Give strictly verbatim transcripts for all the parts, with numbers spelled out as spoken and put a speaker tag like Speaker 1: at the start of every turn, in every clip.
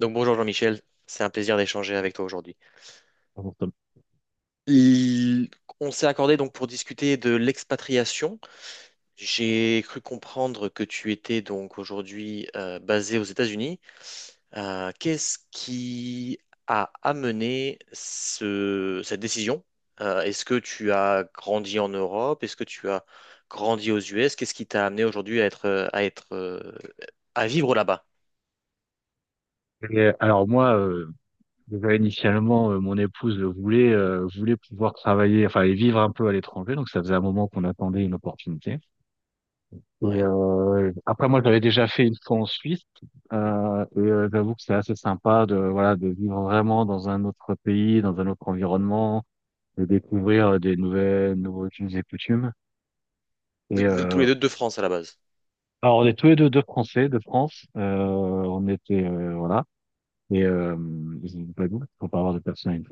Speaker 1: Donc bonjour Jean-Michel, c'est un plaisir d'échanger avec toi aujourd'hui. Il- On s'est accordé donc pour discuter de l'expatriation. J'ai cru comprendre que tu étais donc aujourd'hui euh, basé aux États-Unis. Euh, qu'est-ce qui a amené ce- cette décision? Euh, est-ce que tu as grandi en Europe? Est-ce que tu as grandi aux U S? Qu'est-ce qui t'a amené aujourd'hui à être euh, à être euh, à vivre là-bas?
Speaker 2: Et alors moi, euh, déjà, initialement, euh, mon épouse voulait euh, voulait pouvoir travailler, enfin et vivre un peu à l'étranger, donc ça faisait un moment qu'on attendait une opportunité. Et
Speaker 1: Ouais.
Speaker 2: euh, après moi, j'avais déjà fait une fois en Suisse, euh, et euh, j'avoue que c'est assez sympa de voilà de vivre vraiment dans un autre pays, dans un autre environnement, de découvrir euh, des nouvelles nouveaux us et coutumes.
Speaker 1: Vous
Speaker 2: Et
Speaker 1: vous êtes tous
Speaker 2: euh,
Speaker 1: les deux de France à la base.
Speaker 2: alors on est tous les deux deux Français de France, euh, on était euh, voilà. Et euh, Ils ont pas de doute, faut pas avoir de personne à une.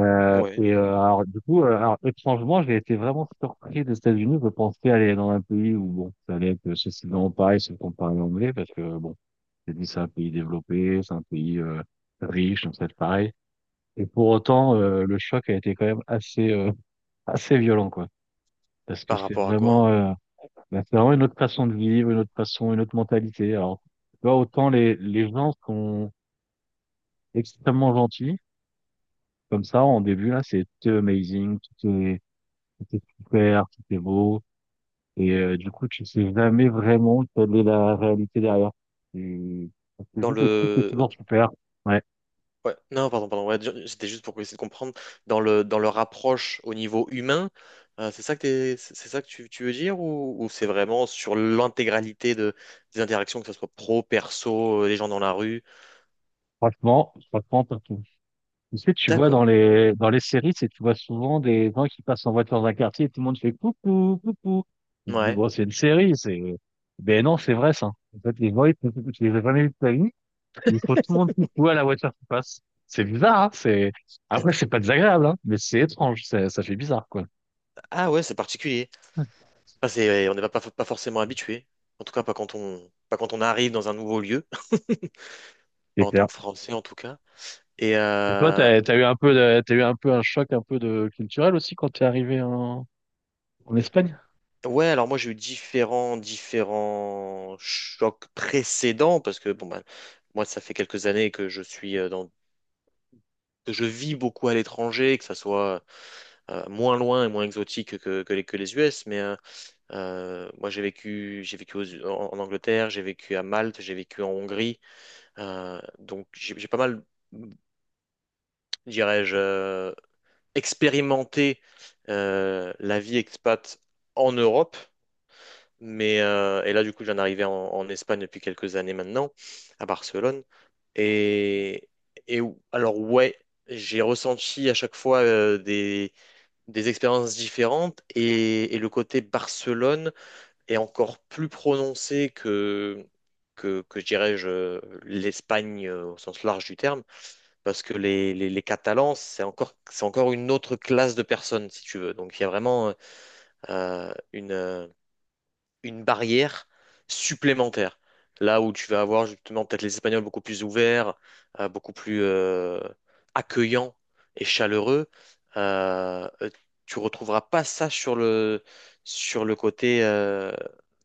Speaker 2: Euh,
Speaker 1: Ouais.
Speaker 2: et euh, alors du coup, euh, alors, étrangement, j'ai été vraiment surpris des États-Unis. Je pensais aller dans un pays où bon, ça allait être sensiblement pareil si on parlait anglais, parce que bon, c'est dit c'est un pays développé, c'est un pays euh, riche, donc ça va être pareil. Et pour autant, euh, le choc a été quand même assez euh, assez violent, quoi, parce que
Speaker 1: Par
Speaker 2: c'est
Speaker 1: rapport à quoi?
Speaker 2: vraiment, euh, bah, c'est vraiment une autre façon de vivre, une autre façon, une autre mentalité. Alors, tu vois, autant les les gens sont extrêmement gentils, comme ça en début là, c'est tout est amazing, tout est Tout est super, tout est beau. Et euh, du coup, tu sais jamais vraiment quelle est la réalité derrière. Et... Parce que
Speaker 1: Dans
Speaker 2: vu que tout est
Speaker 1: le
Speaker 2: toujours super, ouais,
Speaker 1: Ouais, non pardon pardon ouais, ju- c'était juste pour essayer de comprendre dans le dans leur approche au niveau humain, euh, c'est ça que t'es- c'est c'est ça que tu, tu veux dire, ou, ou c'est vraiment sur l'intégralité de des interactions, que ce soit pro, perso, euh, les gens dans la rue.
Speaker 2: franchement, franchement, t'as tout. Tu sais, tu vois dans
Speaker 1: D'accord.
Speaker 2: les dans les séries, c'est tu vois souvent des gens qui passent en voiture dans un quartier et tout le monde fait coucou, coucou. Tu te dis,
Speaker 1: Ouais.
Speaker 2: bon, c'est une série, c'est... Ben non, c'est vrai, ça. En fait, les gens, ils, font coucou, tu les as jamais vus de ta vie, ils font tout le monde coucou à la voiture qui passe. C'est bizarre, hein, c'est...
Speaker 1: Ah,
Speaker 2: Après, c'est pas désagréable, hein, mais c'est étrange, ça, ça fait bizarre, quoi.
Speaker 1: ah ouais, c'est particulier. Enfin, c'est ouais, on n'est pas, pas pas forcément habitué, en tout cas pas quand on pas quand on arrive dans un nouveau lieu,
Speaker 2: C'est
Speaker 1: pas en tant
Speaker 2: clair.
Speaker 1: que Français en tout cas. et
Speaker 2: Et toi,
Speaker 1: euh,
Speaker 2: t'as, t'as eu un peu, de- t'as eu un peu un choc un peu de culturel aussi quand t'es arrivé en, en Espagne?
Speaker 1: Ouais, alors moi j'ai eu différents, différents chocs précédents parce que bon, bah, moi ça fait quelques années que je suis euh, dans, que je vis beaucoup à l'étranger, que ça soit euh, moins loin et moins exotique que, que les, que les U S, mais euh, euh, moi j'ai vécu, j'ai vécu aux- en, en Angleterre, j'ai vécu à Malte, j'ai vécu en Hongrie, euh, donc j'ai j'ai pas mal, dirais-je, euh, expérimenté euh, la vie expat en Europe. Mais, euh, et là, du coup, j'en arrivais en, en Espagne depuis quelques années maintenant, à Barcelone. Et, et ou- alors, ouais, j'ai ressenti à chaque fois euh, des, des expériences différentes, et, et le côté Barcelone est encore plus prononcé que, que, que je dirais-je, euh, l'Espagne euh, au sens large du terme, parce que les, les, les Catalans, c'est encore, c'est encore une autre classe de personnes, si tu veux. Donc, il y a vraiment euh, une. euh, une barrière supplémentaire. Là où tu vas avoir justement peut-être les Espagnols beaucoup plus ouverts, euh, beaucoup plus euh, accueillants et chaleureux, euh, euh, tu retrouveras pas ça sur le, sur le, côté, euh,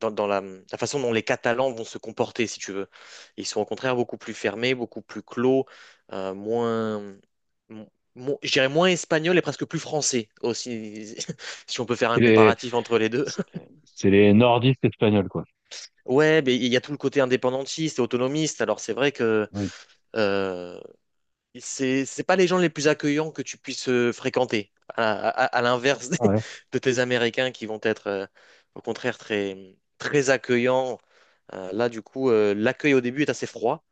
Speaker 1: dans, dans la, la façon dont les Catalans vont se comporter, si tu veux. Ils sont au contraire beaucoup plus fermés, beaucoup plus clos, euh, moins, mo- mo- je dirais moins espagnols et presque plus français aussi, si on peut faire
Speaker 2: C'est
Speaker 1: un
Speaker 2: les,
Speaker 1: comparatif entre les deux.
Speaker 2: c'est c'est les nordistes espagnols, quoi.
Speaker 1: Ouais, mais il y a tout le côté indépendantiste et autonomiste. Alors c'est vrai que
Speaker 2: Oui.
Speaker 1: euh, c'est c'est pas les gens les plus accueillants que tu puisses euh, fréquenter. À, à- à l'inverse des-
Speaker 2: Ouais.
Speaker 1: de tes Américains qui vont être euh, au contraire très très accueillants. Euh, là du coup, euh, l'accueil au début est assez froid.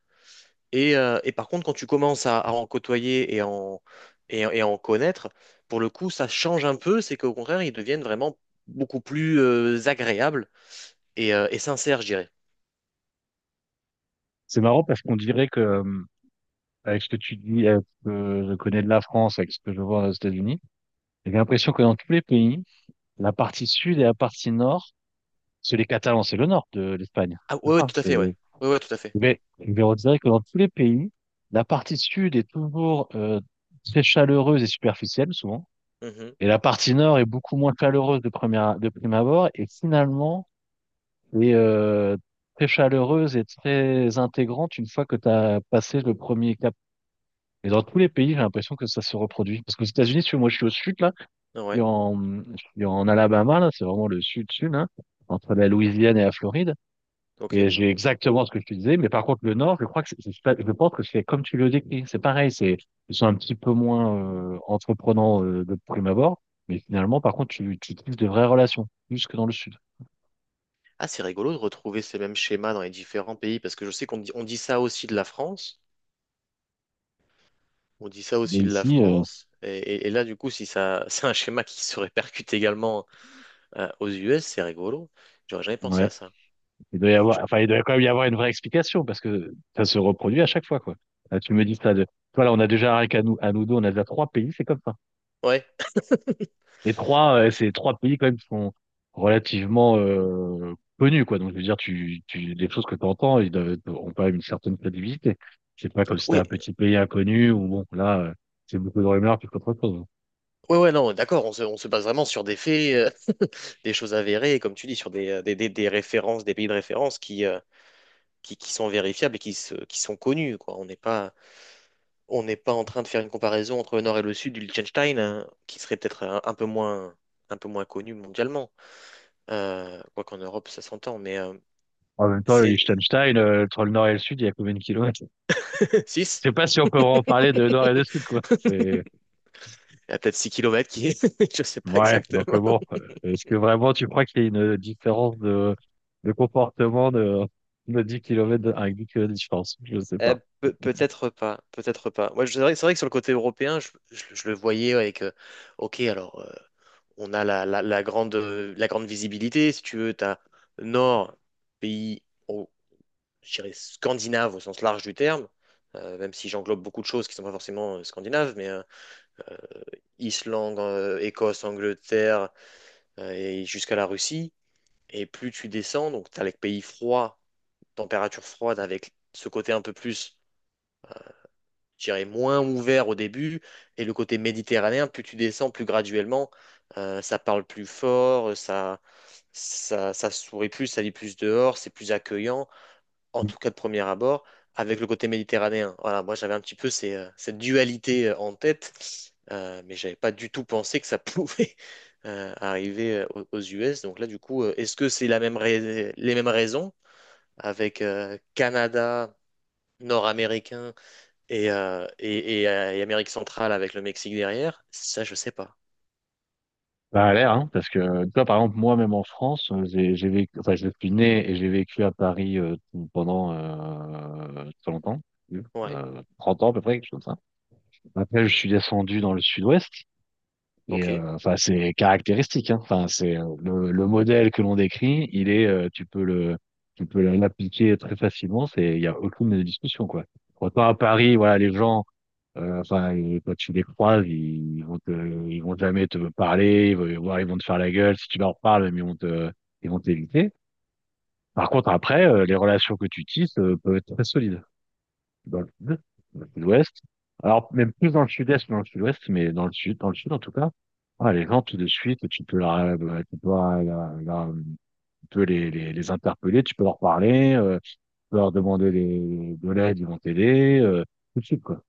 Speaker 1: Et, euh, et par contre, quand tu commences à, à en côtoyer et en et, et à en connaître, pour le coup, ça change un peu. C'est qu'au contraire, ils deviennent vraiment beaucoup plus euh, agréables et, euh, et sincères, je dirais.
Speaker 2: C'est marrant parce qu'on dirait que, euh, avec ce que tu dis, avec ce que je connais de la France, avec ce que je vois aux États-Unis, j'ai l'impression que dans tous les pays, la partie sud et la partie nord, c'est les Catalans, c'est le nord de l'Espagne.
Speaker 1: Ah
Speaker 2: C'est
Speaker 1: ouais, ouais,
Speaker 2: ça,
Speaker 1: tout à fait, ouais.
Speaker 2: c'est,
Speaker 1: Ouais, ouais, tout à fait.
Speaker 2: mais, mais on dirait que dans tous les pays, la partie sud est toujours, euh, très chaleureuse et superficielle, souvent.
Speaker 1: Mhm.
Speaker 2: Et la partie nord est beaucoup moins chaleureuse de première, de prime abord et finalement est euh, très chaleureuse et très intégrante une fois que tu as passé le premier cap. Et dans tous les pays, j'ai l'impression que ça se reproduit. Parce qu'aux États-Unis, si tu vois, moi je suis au sud là, et
Speaker 1: Ouais,
Speaker 2: en, je suis en Alabama là, c'est vraiment le sud-sud hein entre la Louisiane et la Floride.
Speaker 1: ok.
Speaker 2: Et j'ai exactement ce que je te disais, mais par contre le Nord, je crois que c'est- c'est pas- je pense que c'est comme tu le décris, c'est pareil, c'est ils sont un petit peu moins euh, entreprenants euh, de prime abord, mais finalement par contre tu tu tisses de vraies relations plus que dans le Sud.
Speaker 1: Ah, c'est rigolo de retrouver ces mêmes schémas dans les différents pays, parce que je sais qu'on dit, on dit ça aussi de la France. On dit ça
Speaker 2: Et
Speaker 1: aussi de la
Speaker 2: ici, euh,
Speaker 1: France. Et, et- et là, du coup, si ça, c'est un schéma qui se répercute également euh, aux U S, c'est rigolo. J'aurais jamais pensé
Speaker 2: ouais,
Speaker 1: à ça.
Speaker 2: il doit y
Speaker 1: Je-
Speaker 2: avoir, enfin il doit quand même y avoir une vraie explication parce que ça se reproduit à chaque fois quoi. Là, tu me dis ça de, toi là on a déjà rien qu'à nous à nous deux, on a déjà trois pays, c'est comme ça.
Speaker 1: Ouais,
Speaker 2: Les trois, euh, c'est trois pays quand même qui sont relativement euh, connus, quoi. Donc, je veux dire, tu, tu, les choses que tu entends, ils doivent, ont quand même une certaine crédibilité. C'est pas comme si c'était un
Speaker 1: ouais,
Speaker 2: petit pays inconnu où, bon, là, euh, c'est beaucoup de rumeurs plus qu'autre chose.
Speaker 1: ouais, ouais, non, d'accord, on se, on se base vraiment sur des faits, euh, des choses avérées, et comme tu dis, sur des, euh, des, des- des références, des pays de référence qui, euh, qui, qui sont vérifiables et qui, se, qui sont connus, quoi. On n'est pas, on n'est pas en train de faire une comparaison entre le nord et le sud du Liechtenstein, hein, qui serait peut-être un, un peu moins, un peu moins connu mondialement. Euh, quoi qu'en Europe, ça s'entend, mais euh,
Speaker 2: En même temps, le
Speaker 1: c'est
Speaker 2: Liechtenstein, euh, entre le nord et le sud, il y a combien de kilomètres?
Speaker 1: six.
Speaker 2: Je sais pas si on peut en parler de nord et de sud, quoi. C'est,
Speaker 1: Il y a peut-être six kilomètres, qui est... Je sais pas
Speaker 2: ouais. Donc,
Speaker 1: exactement.
Speaker 2: euh, bon, euh, est-ce que vraiment tu crois qu'il y a une différence de, de comportement de, de dix kilomètres avec dix kilomètres de différence? Je sais
Speaker 1: Euh,
Speaker 2: pas.
Speaker 1: pe- peut-être pas, peut-être pas. Moi, je- c'est vrai, c'est vrai que sur le côté européen, je, je- je le voyais avec... euh, ok, alors, euh, on a la, la- la grande, euh, la grande visibilité, si tu veux, t'as nord, pays... je dirais, scandinaves au sens large du terme, euh, même si j'englobe beaucoup de choses qui ne sont pas forcément euh, scandinaves, mais euh, Islande, euh, Écosse, Angleterre, euh, et jusqu'à la Russie. Et plus tu descends, donc tu as les pays froids, température froide, avec ce côté un peu plus, je dirais, moins ouvert au début, et le côté méditerranéen, plus tu descends, plus graduellement, euh, ça parle plus fort, ça, ça, ça sourit plus, ça lit plus dehors, c'est plus accueillant, en tout cas de premier abord, avec le côté méditerranéen. Voilà, moi j'avais un petit peu ces, euh, cette dualité euh, en tête, euh, mais j'avais pas du tout pensé que ça pouvait euh, arriver euh, aux aux U S. Donc là, du coup, euh, est-ce que c'est la même rais- les mêmes raisons avec euh, Canada, Nord-Américain et, euh, et, et, euh, et Amérique centrale avec le Mexique derrière? Ça, je sais pas.
Speaker 2: Ça a l'air, hein, parce que toi, par exemple, moi, même en France, euh, j'ai j'ai vécu, enfin, je suis né et j'ai vécu à Paris euh, pendant euh, très longtemps,
Speaker 1: Ouais,
Speaker 2: euh, trente ans à peu près, quelque chose comme ça. Après, je suis descendu dans le sud-ouest et
Speaker 1: ok,
Speaker 2: euh, enfin, c'est caractéristique, hein. Enfin, c'est euh, le, le modèle que l'on décrit, il est, euh, tu peux le, tu peux l'appliquer très facilement. C'est, il y a aucune discussion, quoi. Autant à Paris, voilà, les gens. Euh, enfin, ils- quand tu les croises, ils, ils vont te, ils vont jamais te parler, ils vont, voire ils vont te faire la gueule si tu leur parles, mais ils vont te, ils vont t'éviter. Par contre, après, euh, les relations que tu tisses, euh, peuvent être très solides. Dans le sud, dans le sud-ouest. Alors, même plus dans le sud-est que dans le sud-ouest, mais dans le sud, dans le sud, en tout cas. Ah, les gens, tout de suite, tu peux leur, euh, bah, tu peux, leur- leur- leur- euh, tu peux les, les, les interpeller, tu peux leur parler, euh, tu peux leur demander des- de l'aide, ils vont t'aider, euh, tout de suite, quoi.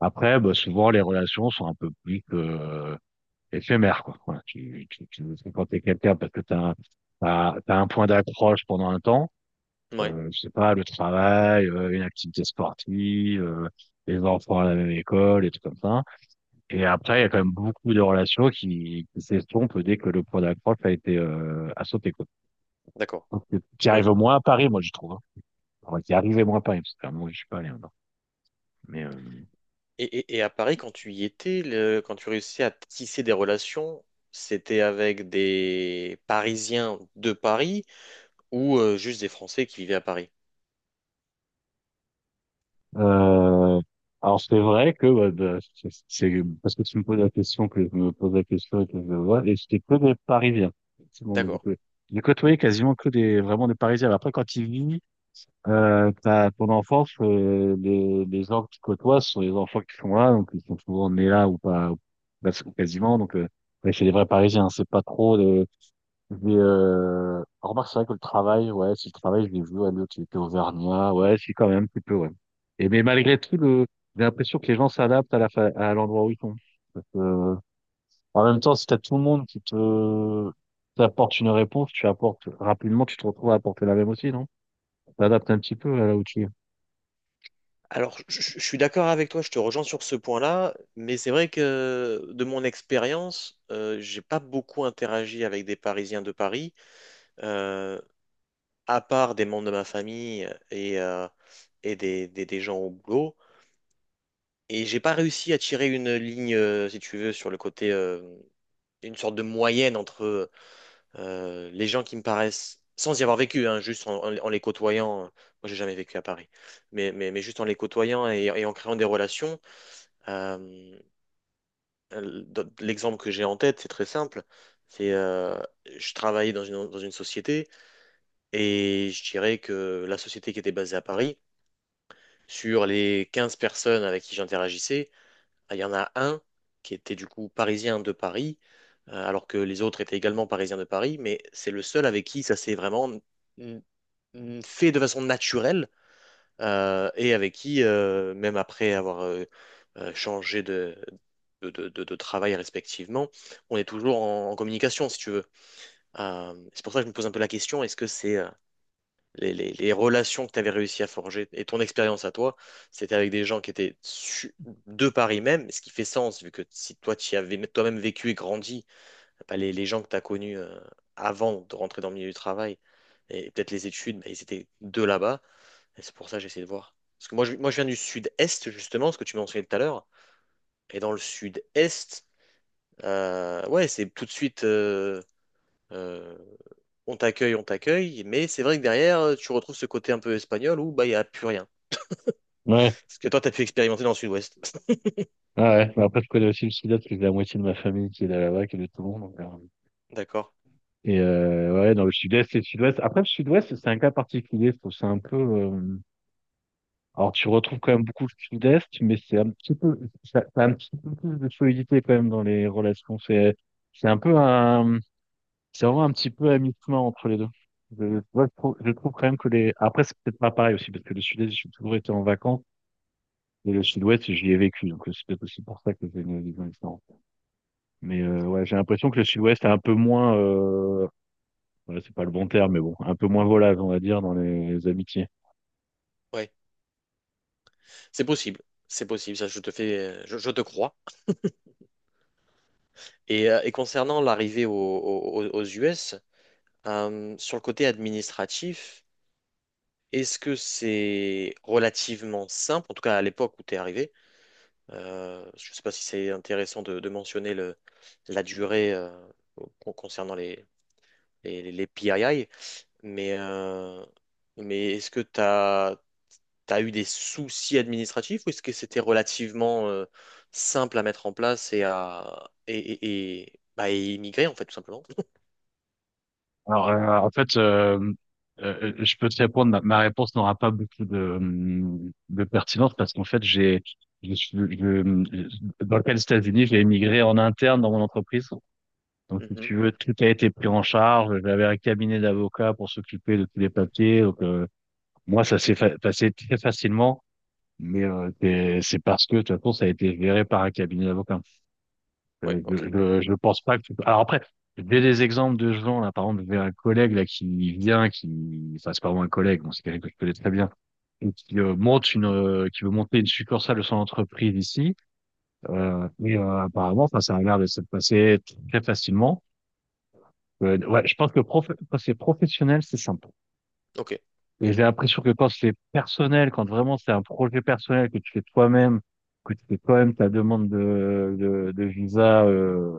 Speaker 2: Après, bah, souvent, les relations sont un peu plus que euh, éphémères, quoi. Voilà, tu, tu, tu veux fréquenter quelqu'un parce que t'as un, t'as, t'as un point d'accroche pendant un temps.
Speaker 1: ouais,
Speaker 2: Euh, je sais pas, le travail, euh, une activité sportive, euh, les enfants à la même école, et tout comme ça. Et après, il y a quand même beaucoup de relations qui, qui s'estompent dès que le point d'accroche a été euh, a sauté, quoi.
Speaker 1: d'accord.
Speaker 2: Donc, euh, tu arrives
Speaker 1: Oui.
Speaker 2: moins à Paris, moi, je trouve. Hein. Enfin, tu arrives moins à Paris, parce que euh, moi, je suis pas allé encore. Mais, euh,
Speaker 1: Et, et- et à Paris, quand tu y étais, le- quand tu réussissais à tisser des relations, c'était avec des Parisiens de Paris ou euh, juste des Français qui vivaient à Paris?
Speaker 2: Euh, alors c'est vrai que bah, de- c'est c'est parce que tu me poses la question que je me pose la question et que je vois et c'était que des Parisiens. Effectivement, moi, j'ai
Speaker 1: D'accord.
Speaker 2: co- j'ai côtoyé quasiment que des vraiment des Parisiens. Après quand tu vis euh, t'as ton enfance, euh, les les gens que tu côtoies ce sont les enfants qui sont là donc ils sont souvent nés là ou pas ou- ou quasiment donc euh, ouais, c'est des vrais Parisiens. C'est pas trop mais euh, remarque, c'est vrai que le travail, ouais, si le travail, je l'ai vu, ouais, l'autre, il était auvergnat, ouais, si, quand même, un petit peu, ouais. Et mais malgré tout, le, j'ai l'impression que les gens s'adaptent à la, fa- à l'endroit où ils sont. Parce que, en même temps, si t'as tout le monde qui te, t'apporte une réponse, tu apportes, rapidement, tu te retrouves à apporter la même aussi, non? T'adaptes un petit peu à là où tu es.
Speaker 1: Alors, je, je- je suis d'accord avec toi, je te rejoins sur ce point-là, mais c'est vrai que de mon expérience, euh, j'ai pas beaucoup interagi avec des Parisiens de Paris, euh, à part des membres de ma famille et, euh, et des, des- des gens au boulot. Et j'ai pas réussi à tirer une ligne, euh, si tu veux, sur le côté, euh, une sorte de moyenne entre euh, les gens qui me paraissent, sans y avoir vécu, hein, juste en, en- en les côtoyant, euh, moi j'ai jamais vécu à Paris, mais, mais, mais juste en les côtoyant et, et en créant des relations, euh, dans- l'exemple que j'ai en tête, c'est très simple, c'est euh, je travaillais dans une, dans une société et je dirais que la société qui était basée à Paris, sur les quinze personnes avec qui j'interagissais, ah, il y en a un qui était du coup parisien de Paris, euh, alors que les autres étaient également parisiens de Paris, mais c'est le seul avec qui ça s'est vraiment n- n- fait de façon naturelle, euh, et avec qui, euh, même après avoir euh, euh, changé de, de, de- de- de travail respectivement, on est toujours en, en communication, si tu veux. Euh, c'est pour ça que je me pose un peu la question, est-ce que c'est euh, les, les- les relations que tu avais réussi à forger et ton expérience à toi, c'était avec des gens qui étaient su- de Paris même, ce qui fait sens, vu que si toi, tu y avais toi-même vécu et grandi, bah, les, les gens que tu as connus euh, avant de rentrer dans le milieu du travail et peut-être les études, bah, ils étaient de là-bas. Et c'est pour ça que j'essaie de voir. Parce que moi, je, moi, je viens du sud-est, justement, ce que tu mentionnais tout à l'heure. Et dans le sud-est, euh, ouais, c'est tout de suite... euh, euh, on t'accueille, on t'accueille, mais c'est vrai que derrière, euh, tu retrouves ce côté un peu espagnol où bah il n'y a plus rien.
Speaker 2: Ouais,
Speaker 1: Ce que toi, t'as pu expérimenter dans le sud-ouest.
Speaker 2: ouais, ouais. Mais après, je connais aussi le sud-est, parce que j'ai la moitié de ma famille qui est là- là-bas, qui est de Toulon, donc, euh,
Speaker 1: D'accord.
Speaker 2: et euh, ouais, dans le sud-est et le sud-ouest. Après, le sud-ouest, c'est un cas particulier, je trouve. C'est un peu, euh, Alors, tu retrouves quand même beaucoup le sud-est, mais c'est un petit peu, ça, ça a un petit peu plus de solidité quand même dans les relations. C'est, c'est un peu un, c'est vraiment un petit peu à mi-chemin entre les deux. Je, moi, je trouve, je trouve quand même que les, après, c'est peut-être pas pareil aussi, parce que le sud-est, j'ai toujours été en vacances, et le sud-ouest, j'y ai vécu. Donc, c'est peut-être aussi pour ça que j'ai une vision différente. Mais, euh, ouais, j'ai l'impression que le sud-ouest est un peu moins, euh, ouais, c'est pas le bon terme, mais bon, un peu moins volage, on va dire, dans les amitiés.
Speaker 1: Ouais. C'est possible. C'est possible. Ça, je te fais, je, je te crois. Et, euh, et concernant l'arrivée au- au- aux U S, euh, sur le côté administratif, est-ce que c'est relativement simple, en tout cas à l'époque où tu es arrivé? Euh, je ne sais pas si c'est intéressant de, de mentionner le, la durée euh, con- concernant les, les, les P I I, Mais, euh, mais est-ce que tu as eu des soucis administratifs ou est-ce que c'était relativement euh, simple à mettre en place et à et, et, et- bah, et immigrer en fait tout simplement?
Speaker 2: Alors, euh, en fait, euh, euh, euh, je peux te répondre, ma, ma réponse n'aura pas beaucoup de, hum, de pertinence parce qu'en fait, j'ai, je, suis- je- dans le cas des États-Unis, j'ai émigré en interne dans mon entreprise. Donc, si
Speaker 1: Mhm.
Speaker 2: tu veux, tout a été pris en charge. J'avais un cabinet d'avocats pour s'occuper de tous les papiers. Donc, euh, moi, ça s'est fa- passé très facilement, mais euh, c'est c'est parce que, de toute façon, ça a été géré par un cabinet d'avocats.
Speaker 1: Ouais,
Speaker 2: Euh, Je,
Speaker 1: ok,
Speaker 2: je, je pense pas que tu peux- Alors après, j'ai des exemples de gens, là, par exemple, j'ai un collègue là qui vient, qui, enfin, c'est pas vraiment un collègue, bon, c'est quelqu'un que je connais très bien, et qui euh, monte une, euh, qui veut monter une succursale de son entreprise ici, euh, et euh, apparemment, enfin, ça a l'air de se passer très facilement. Euh, ouais, je pense que prof... quand c'est professionnel, c'est simple.
Speaker 1: ok,
Speaker 2: Et j'ai l'impression que quand c'est personnel, quand vraiment c'est un projet personnel que tu fais toi-même, que tu fais toi-même ta demande de, de, de visa euh,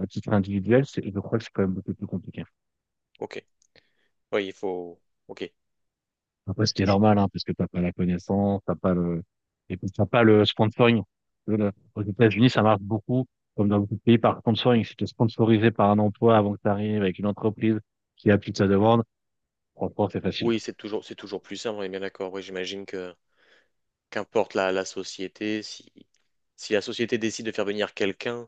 Speaker 2: à titre individuel, c'est, je crois que c'est quand même beaucoup plus compliqué.
Speaker 1: ok. Oui, il faut. Ok.
Speaker 2: Après, ce qui est
Speaker 1: Je-
Speaker 2: normal, hein, parce que t'as pas la connaissance, t'as pas le, et puis t'as pas le sponsoring. Le- Aux États-Unis, ça marche beaucoup, comme dans beaucoup de pays, par sponsoring. Si t'es sponsorisé par un emploi avant que tu arrives avec une entreprise qui appuie ta demande, franchement, c'est facile.
Speaker 1: Oui, c'est toujours c'est toujours plus simple. On est bien d'accord. Oui, j'imagine que qu'importe la, la société, si si la société décide de faire venir quelqu'un,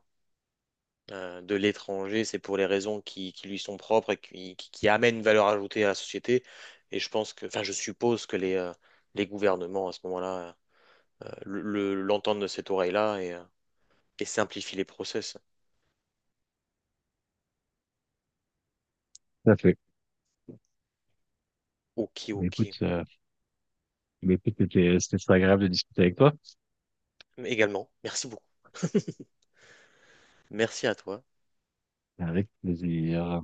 Speaker 1: euh, de l'étranger, c'est pour les raisons qui, qui lui sont propres et qui, qui, qui amènent une valeur ajoutée à la société. Et je pense que, enfin, je suppose que les, euh, les gouvernements, à ce moment-là, euh, le, le- l'entendent de cette oreille-là et, euh, et simplifient les process.
Speaker 2: Tout à fait.
Speaker 1: Ok,
Speaker 2: Mais
Speaker 1: ok.
Speaker 2: écoute, euh, mais écoute, c'était, c'était très agréable de discuter avec toi.
Speaker 1: Également, merci beaucoup. Merci à toi.
Speaker 2: Avec plaisir.